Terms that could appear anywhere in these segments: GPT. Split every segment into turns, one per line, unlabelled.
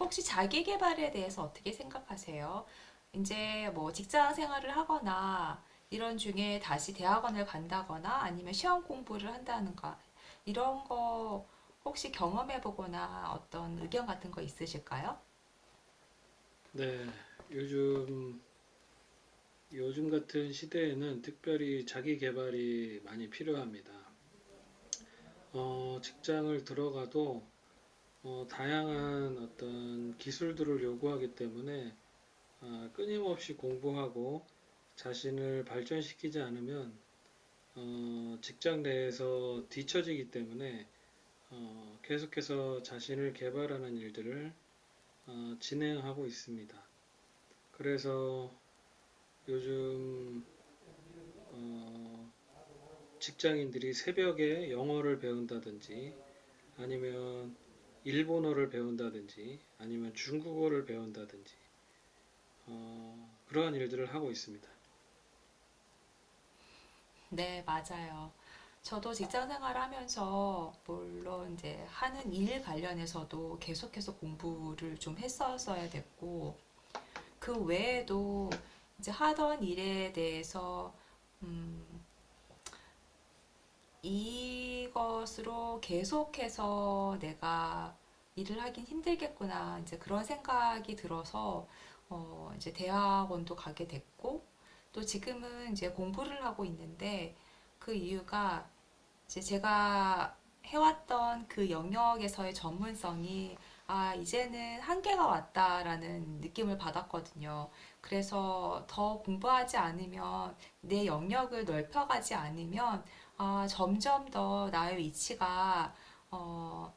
혹시 자기 개발에 대해서 어떻게 생각하세요? 이제 뭐 직장 생활을 하거나 이런 중에 다시 대학원을 간다거나 아니면 시험 공부를 한다는가 이런 거 혹시 경험해 보거나 어떤 의견 같은 거 있으실까요?
네, 요즘, 요즘 같은 시대에는 특별히 자기 개발이 많이 필요합니다. 직장을 들어가도 다양한 어떤 기술들을 요구하기 때문에 끊임없이 공부하고 자신을 발전시키지 않으면 직장 내에서 뒤처지기 때문에 계속해서 자신을 개발하는 일들을 진행하고 있습니다. 그래서 요즘 어, 직장인들이 새벽에 영어를 배운다든지 아니면 일본어를 배운다든지 아니면 중국어를 배운다든지 그러한 일들을 하고 있습니다.
네, 맞아요. 저도 직장 생활하면서 물론 이제 하는 일 관련해서도 계속해서 공부를 좀 했었어야 됐고 그 외에도 이제 하던 일에 대해서 음, 이것으로 계속해서 내가 일을 하긴 힘들겠구나. 이제 그런 생각이 들어서, 이제 대학원도 가게 됐고, 또 지금은 이제 공부를 하고 있는데, 그 이유가 이제 제가 해왔던 그 영역에서의 전문성이 이제는 한계가 왔다라는 느낌을 받았거든요. 그래서 더 공부하지 않으면 내 영역을 넓혀가지 않으면 점점 더 나의 위치가 어,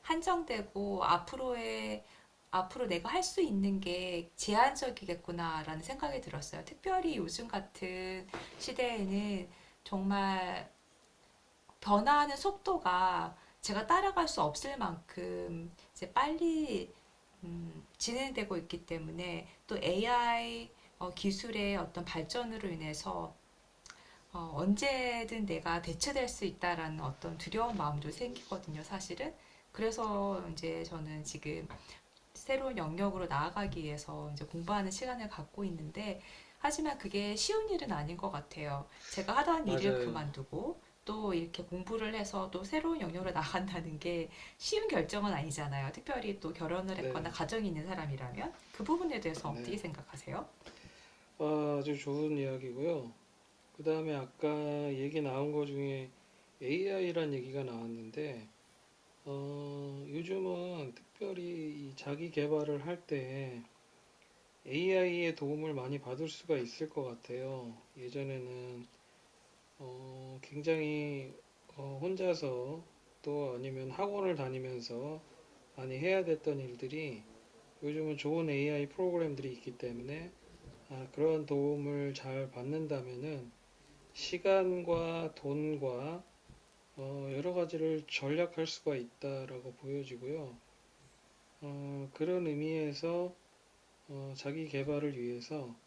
한정되고 앞으로 내가 할 수 있는 게 제한적이겠구나라는 생각이 들었어요. 특별히 요즘 같은 시대에는 정말 변화하는 속도가 제가 따라갈 수 없을 만큼 이제 빨리 진행되고 있기 때문에 또 AI 기술의 어떤 발전으로 인해서 언제든 내가 대체될 수 있다라는 어떤 두려운 마음도 생기거든요, 사실은. 그래서 이제 저는 지금 새로운 영역으로 나아가기 위해서 이제 공부하는 시간을 갖고 있는데 하지만 그게 쉬운 일은 아닌 것 같아요. 제가 하던 일을
맞아요.
그만두고 또 이렇게 공부를 해서 또 새로운 영역으로 나간다는 게 쉬운 결정은 아니잖아요. 특별히 또 결혼을 했거나
네,
가정이 있는 사람이라면 그 부분에 대해서 어떻게
네.
생각하세요?
주 좋은 이야기고요. 그 다음에 아까 얘기 나온 거 중에 AI란 얘기가 나왔는데 요즘은 특별히 이 자기 개발을 할 때 AI의 도움을 많이 받을 수가 있을 것 같아요. 예전에는 굉장히 혼자서 또 아니면 학원을 다니면서 많이 해야 됐던 일들이 요즘은 좋은 AI 프로그램들이 있기 때문에 그런 도움을 잘 받는다면은 시간과 돈과 여러 가지를 절약할 수가 있다라고 보여지고요. 그런 의미에서 자기 개발을 위해서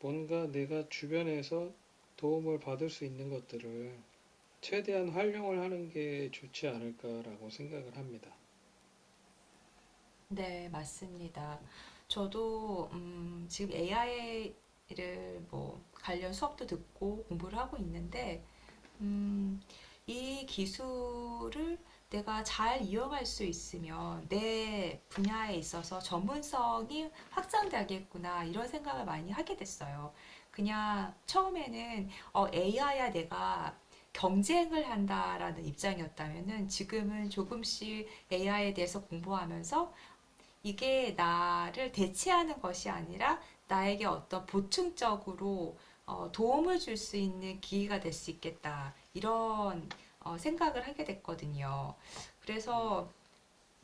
뭔가 내가 주변에서 도움을 받을 수 있는 것들을 최대한 활용을 하는 게 좋지 않을까라고 생각을 합니다.
네, 맞습니다. 저도 지금 AI를 뭐 관련 수업도 듣고 공부를 하고 있는데 음, 이 기술을 내가 잘 이용할 수 있으면 내 분야에 있어서 전문성이 확장되겠구나 이런 생각을 많이 하게 됐어요. 그냥 처음에는 AI야 내가 경쟁을 한다라는 입장이었다면은 지금은 조금씩 AI에 대해서 공부하면서 이게 나를 대체하는 것이 아니라 나에게 어떤 보충적으로 도움을 줄 수 있는 기회가 될 수 있겠다. 이런 생각을 하게 됐거든요. 그래서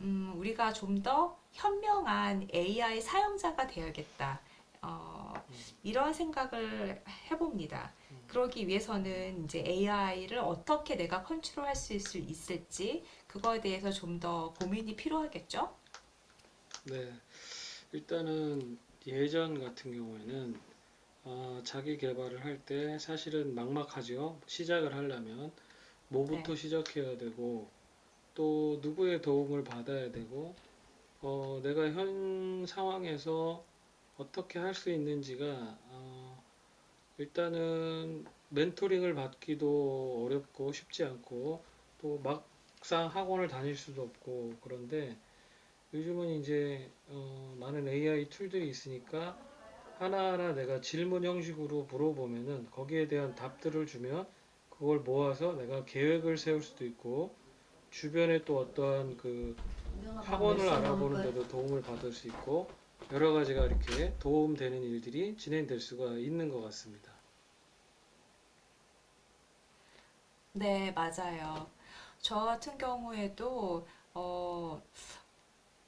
우리가 좀 더 현명한 AI 사용자가 되어야겠다. 어, 이런 생각을 해봅니다. 그러기 위해서는 이제 AI를 어떻게 내가 있을지 그거에 대해서 좀 더 고민이 필요하겠죠?
네, 일단은 예전 같은 경우에는 자기 개발을 할 때 사실은 막막하죠. 시작을 하려면 뭐부터
네.
시작해야 되고 또 누구의 도움을 받아야 되고 내가 현 상황에서 어떻게 할 수 있는지가 어, 일단은 멘토링을 받기도 어렵고 쉽지 않고 또 막상 학원을 다닐 수도 없고 그런데 요즘은 이제 많은 AI 툴들이 있으니까 하나하나 내가 질문 형식으로 물어보면은 거기에 대한 답들을 주면 그걸 모아서 내가 계획을 세울 수도 있고 주변에 또 어떠한 그
우영아 밥 몇
학원을
시에 먹을
알아보는
거야?
데도 도움을 받을 수 있고 여러 가지가 이렇게 도움되는 일들이 진행될 수가 있는 것 같습니다.
네, 맞아요. 저 같은 경우에도 어,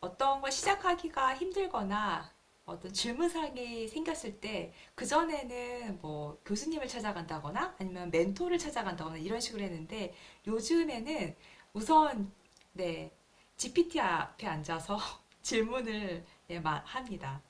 어떤 걸 시작하기가 힘들거나 어떤 질문사항이 생겼을 때 그전에는 뭐 교수님을 찾아간다거나 아니면 멘토를 찾아간다거나 이런 식으로 했는데 요즘에는 우선 네, GPT 앞에 앉아서 질문을 예, 합니다.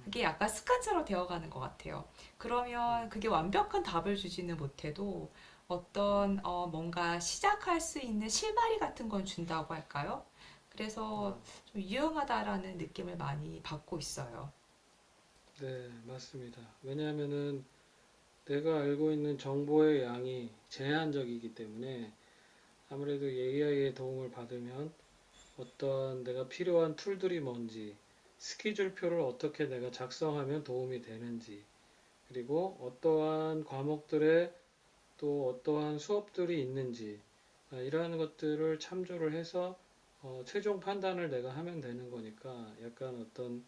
그게 약간 습관처럼 되어가는 것 같아요. 그러면 그게 완벽한 답을 주지는 못해도 어떤 뭔가 시작할 수 있는 실마리 같은 건 준다고 할까요? 그래서 좀 유용하다라는 느낌을 많이 받고 있어요.
네, 맞습니다. 왜냐하면은 내가 알고 있는 정보의 양이 제한적이기 때문에 아무래도 AI의 도움을 받으면 어떤 내가 필요한 툴들이 뭔지, 스케줄표를 어떻게 내가 작성하면 도움이 되는지, 그리고 어떠한 과목들에 또 어떠한 수업들이 있는지, 이러한 것들을 참조를 해서 최종 판단을 내가 하면 되는 거니까 약간 어떤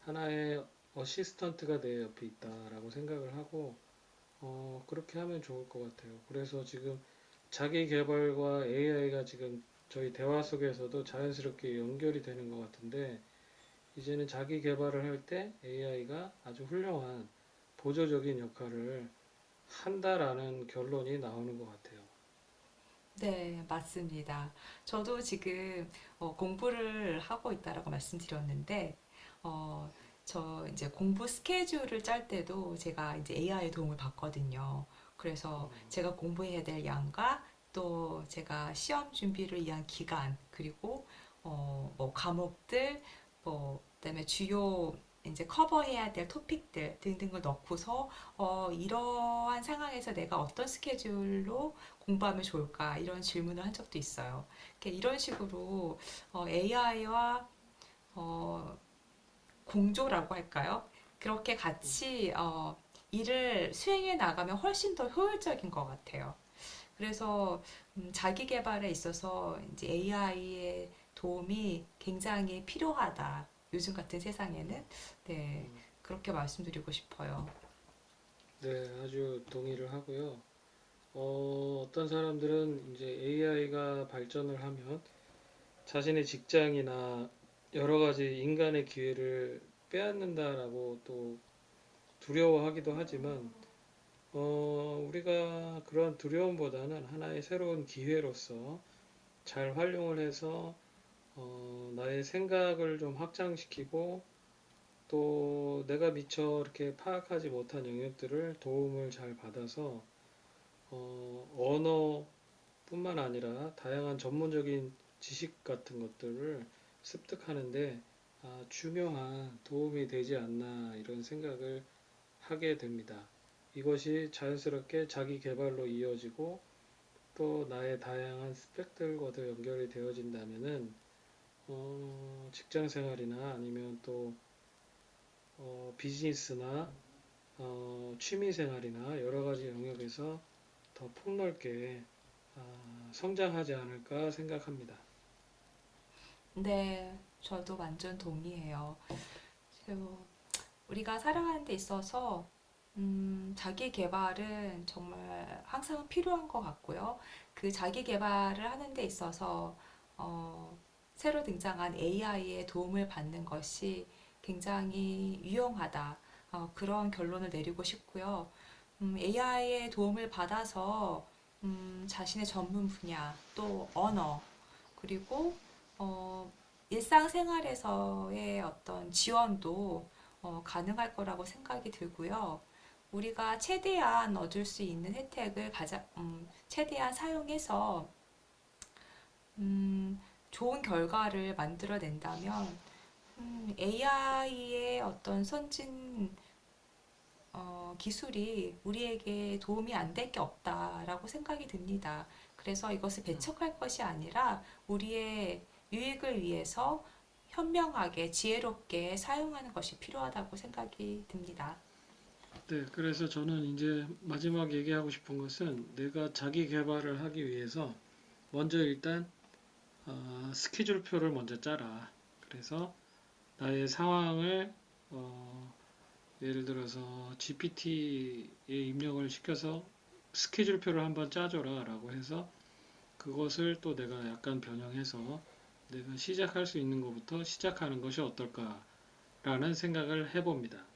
하나의 어시스턴트가 내 옆에 있다라고 생각을 하고 그렇게 하면 좋을 것 같아요. 그래서 지금 자기 개발과 AI가 지금 저희 대화 속에서도 자연스럽게 연결이 되는 것 같은데 이제는 자기 개발을 할 때 AI가 아주 훌륭한 보조적인 역할을 한다라는 결론이 나오는 것 같아요.
네, 맞습니다. 저도 지금 공부를 하고 있다라고 말씀드렸는데, 어, 저 이제 공부 스케줄을 짤 때도 제가 이제 AI의 도움을 받거든요. 그래서 제가 공부해야 될 양과 또 제가 시험 준비를 위한 기간, 그리고 뭐 과목들, 뭐 그다음에 주요 이제 커버해야 될 토픽들 등등을 넣고서 이러한 상황에서 내가 어떤 스케줄로 공부하면 좋을까? 이런 질문을 한 적도 있어요. 이렇게 이런 식으로 AI와 공조라고 할까요? 그렇게 같이 일을 수행해 나가면 훨씬 더 효율적인 것 같아요. 그래서 자기 개발에 있어서 이제 AI의 도움이 굉장히 필요하다. 요즘 같은 세상에는 네
음,
그렇게 말씀드리고 싶어요.
네, 아주 동의를 하고요. 어떤 사람들은 이제 AI가 발전을 하면 자신의 직장이나 여러 가지 인간의 기회를 빼앗는다라고 또 두려워하기도 하지만, 우리가 그런 두려움보다는 하나의 새로운 기회로서 잘 활용을 해서, 나의 생각을 좀 확장시키고, 또 내가 미처 이렇게 파악하지 못한 영역들을 도움을 잘 받아서, 언어 뿐만 아니라 다양한 전문적인 지식 같은 것들을 습득하는 데 중요한 도움이 되지 않나 이런 생각을 하게 됩니다. 이것이 자연스럽게 자기 개발로 이어지고 또 나의 다양한 스펙들과도 연결이 되어진다면은 직장 생활이나 아니면 또 비즈니스나 취미 생활이나 여러 가지 영역에서 더 폭넓게 어, 성장하지 않을까 생각합니다.
네, 저도 완전 동의해요. 우리가 살아가는 데 있어서 자기 개발은 정말 항상 필요한 것 같고요. 그 자기 개발을 하는 데 있어서 어, 새로 등장한 AI의 도움을 받는 것이 굉장히 유용하다. 그런 결론을 내리고 싶고요. AI의 도움을 받아서 자신의 전문 분야, 또 언어, 그리고 어, 일상생활에서의 어떤 지원도 가능할 거라고 생각이 들고요. 우리가 최대한 얻을 수 있는 혜택을 가장 최대한 사용해서, 음, 좋은 결과를 만들어낸다면, AI의 어떤 선진 기술이 우리에게 도움이 안 될 게 없다라고 생각이 듭니다. 그래서 이것을 배척할 것이 아니라 우리의 유익을 위해서 현명하게 지혜롭게 사용하는 것이 필요하다고 생각이 듭니다.
네, 그래서 저는 이제 마지막 얘기하고 싶은 것은 내가 자기 개발을 하기 위해서 먼저 일단 스케줄표를 먼저 짜라. 그래서 나의 상황을 어, 예를 들어서 GPT에 입력을 시켜서 스케줄표를 한번 짜줘라라고 해서 그것을 또 내가 약간 변형해서 내가 시작할 수 있는 것부터 시작하는 것이 어떨까라는 생각을 해봅니다.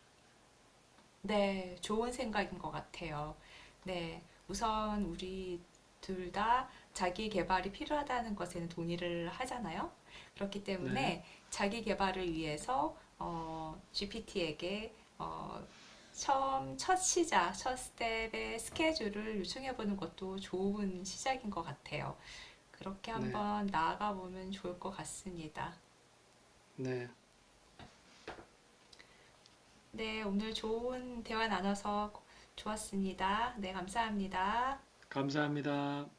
네, 좋은 생각인 것 같아요. 네, 우선 우리 둘 다 자기 개발이 필요하다는 것에는 동의를 하잖아요. 그렇기
네,
때문에 자기 개발을 위해서 GPT에게 처음 첫 시작, 첫 스텝의 스케줄을 요청해 보는 것도 좋은 시작인 것 같아요. 그렇게
네,
한번 나아가 보면 좋을 것 같습니다.
네.
네, 오늘 좋은 대화 나눠서 좋았습니다. 네, 감사합니다.
감사합니다.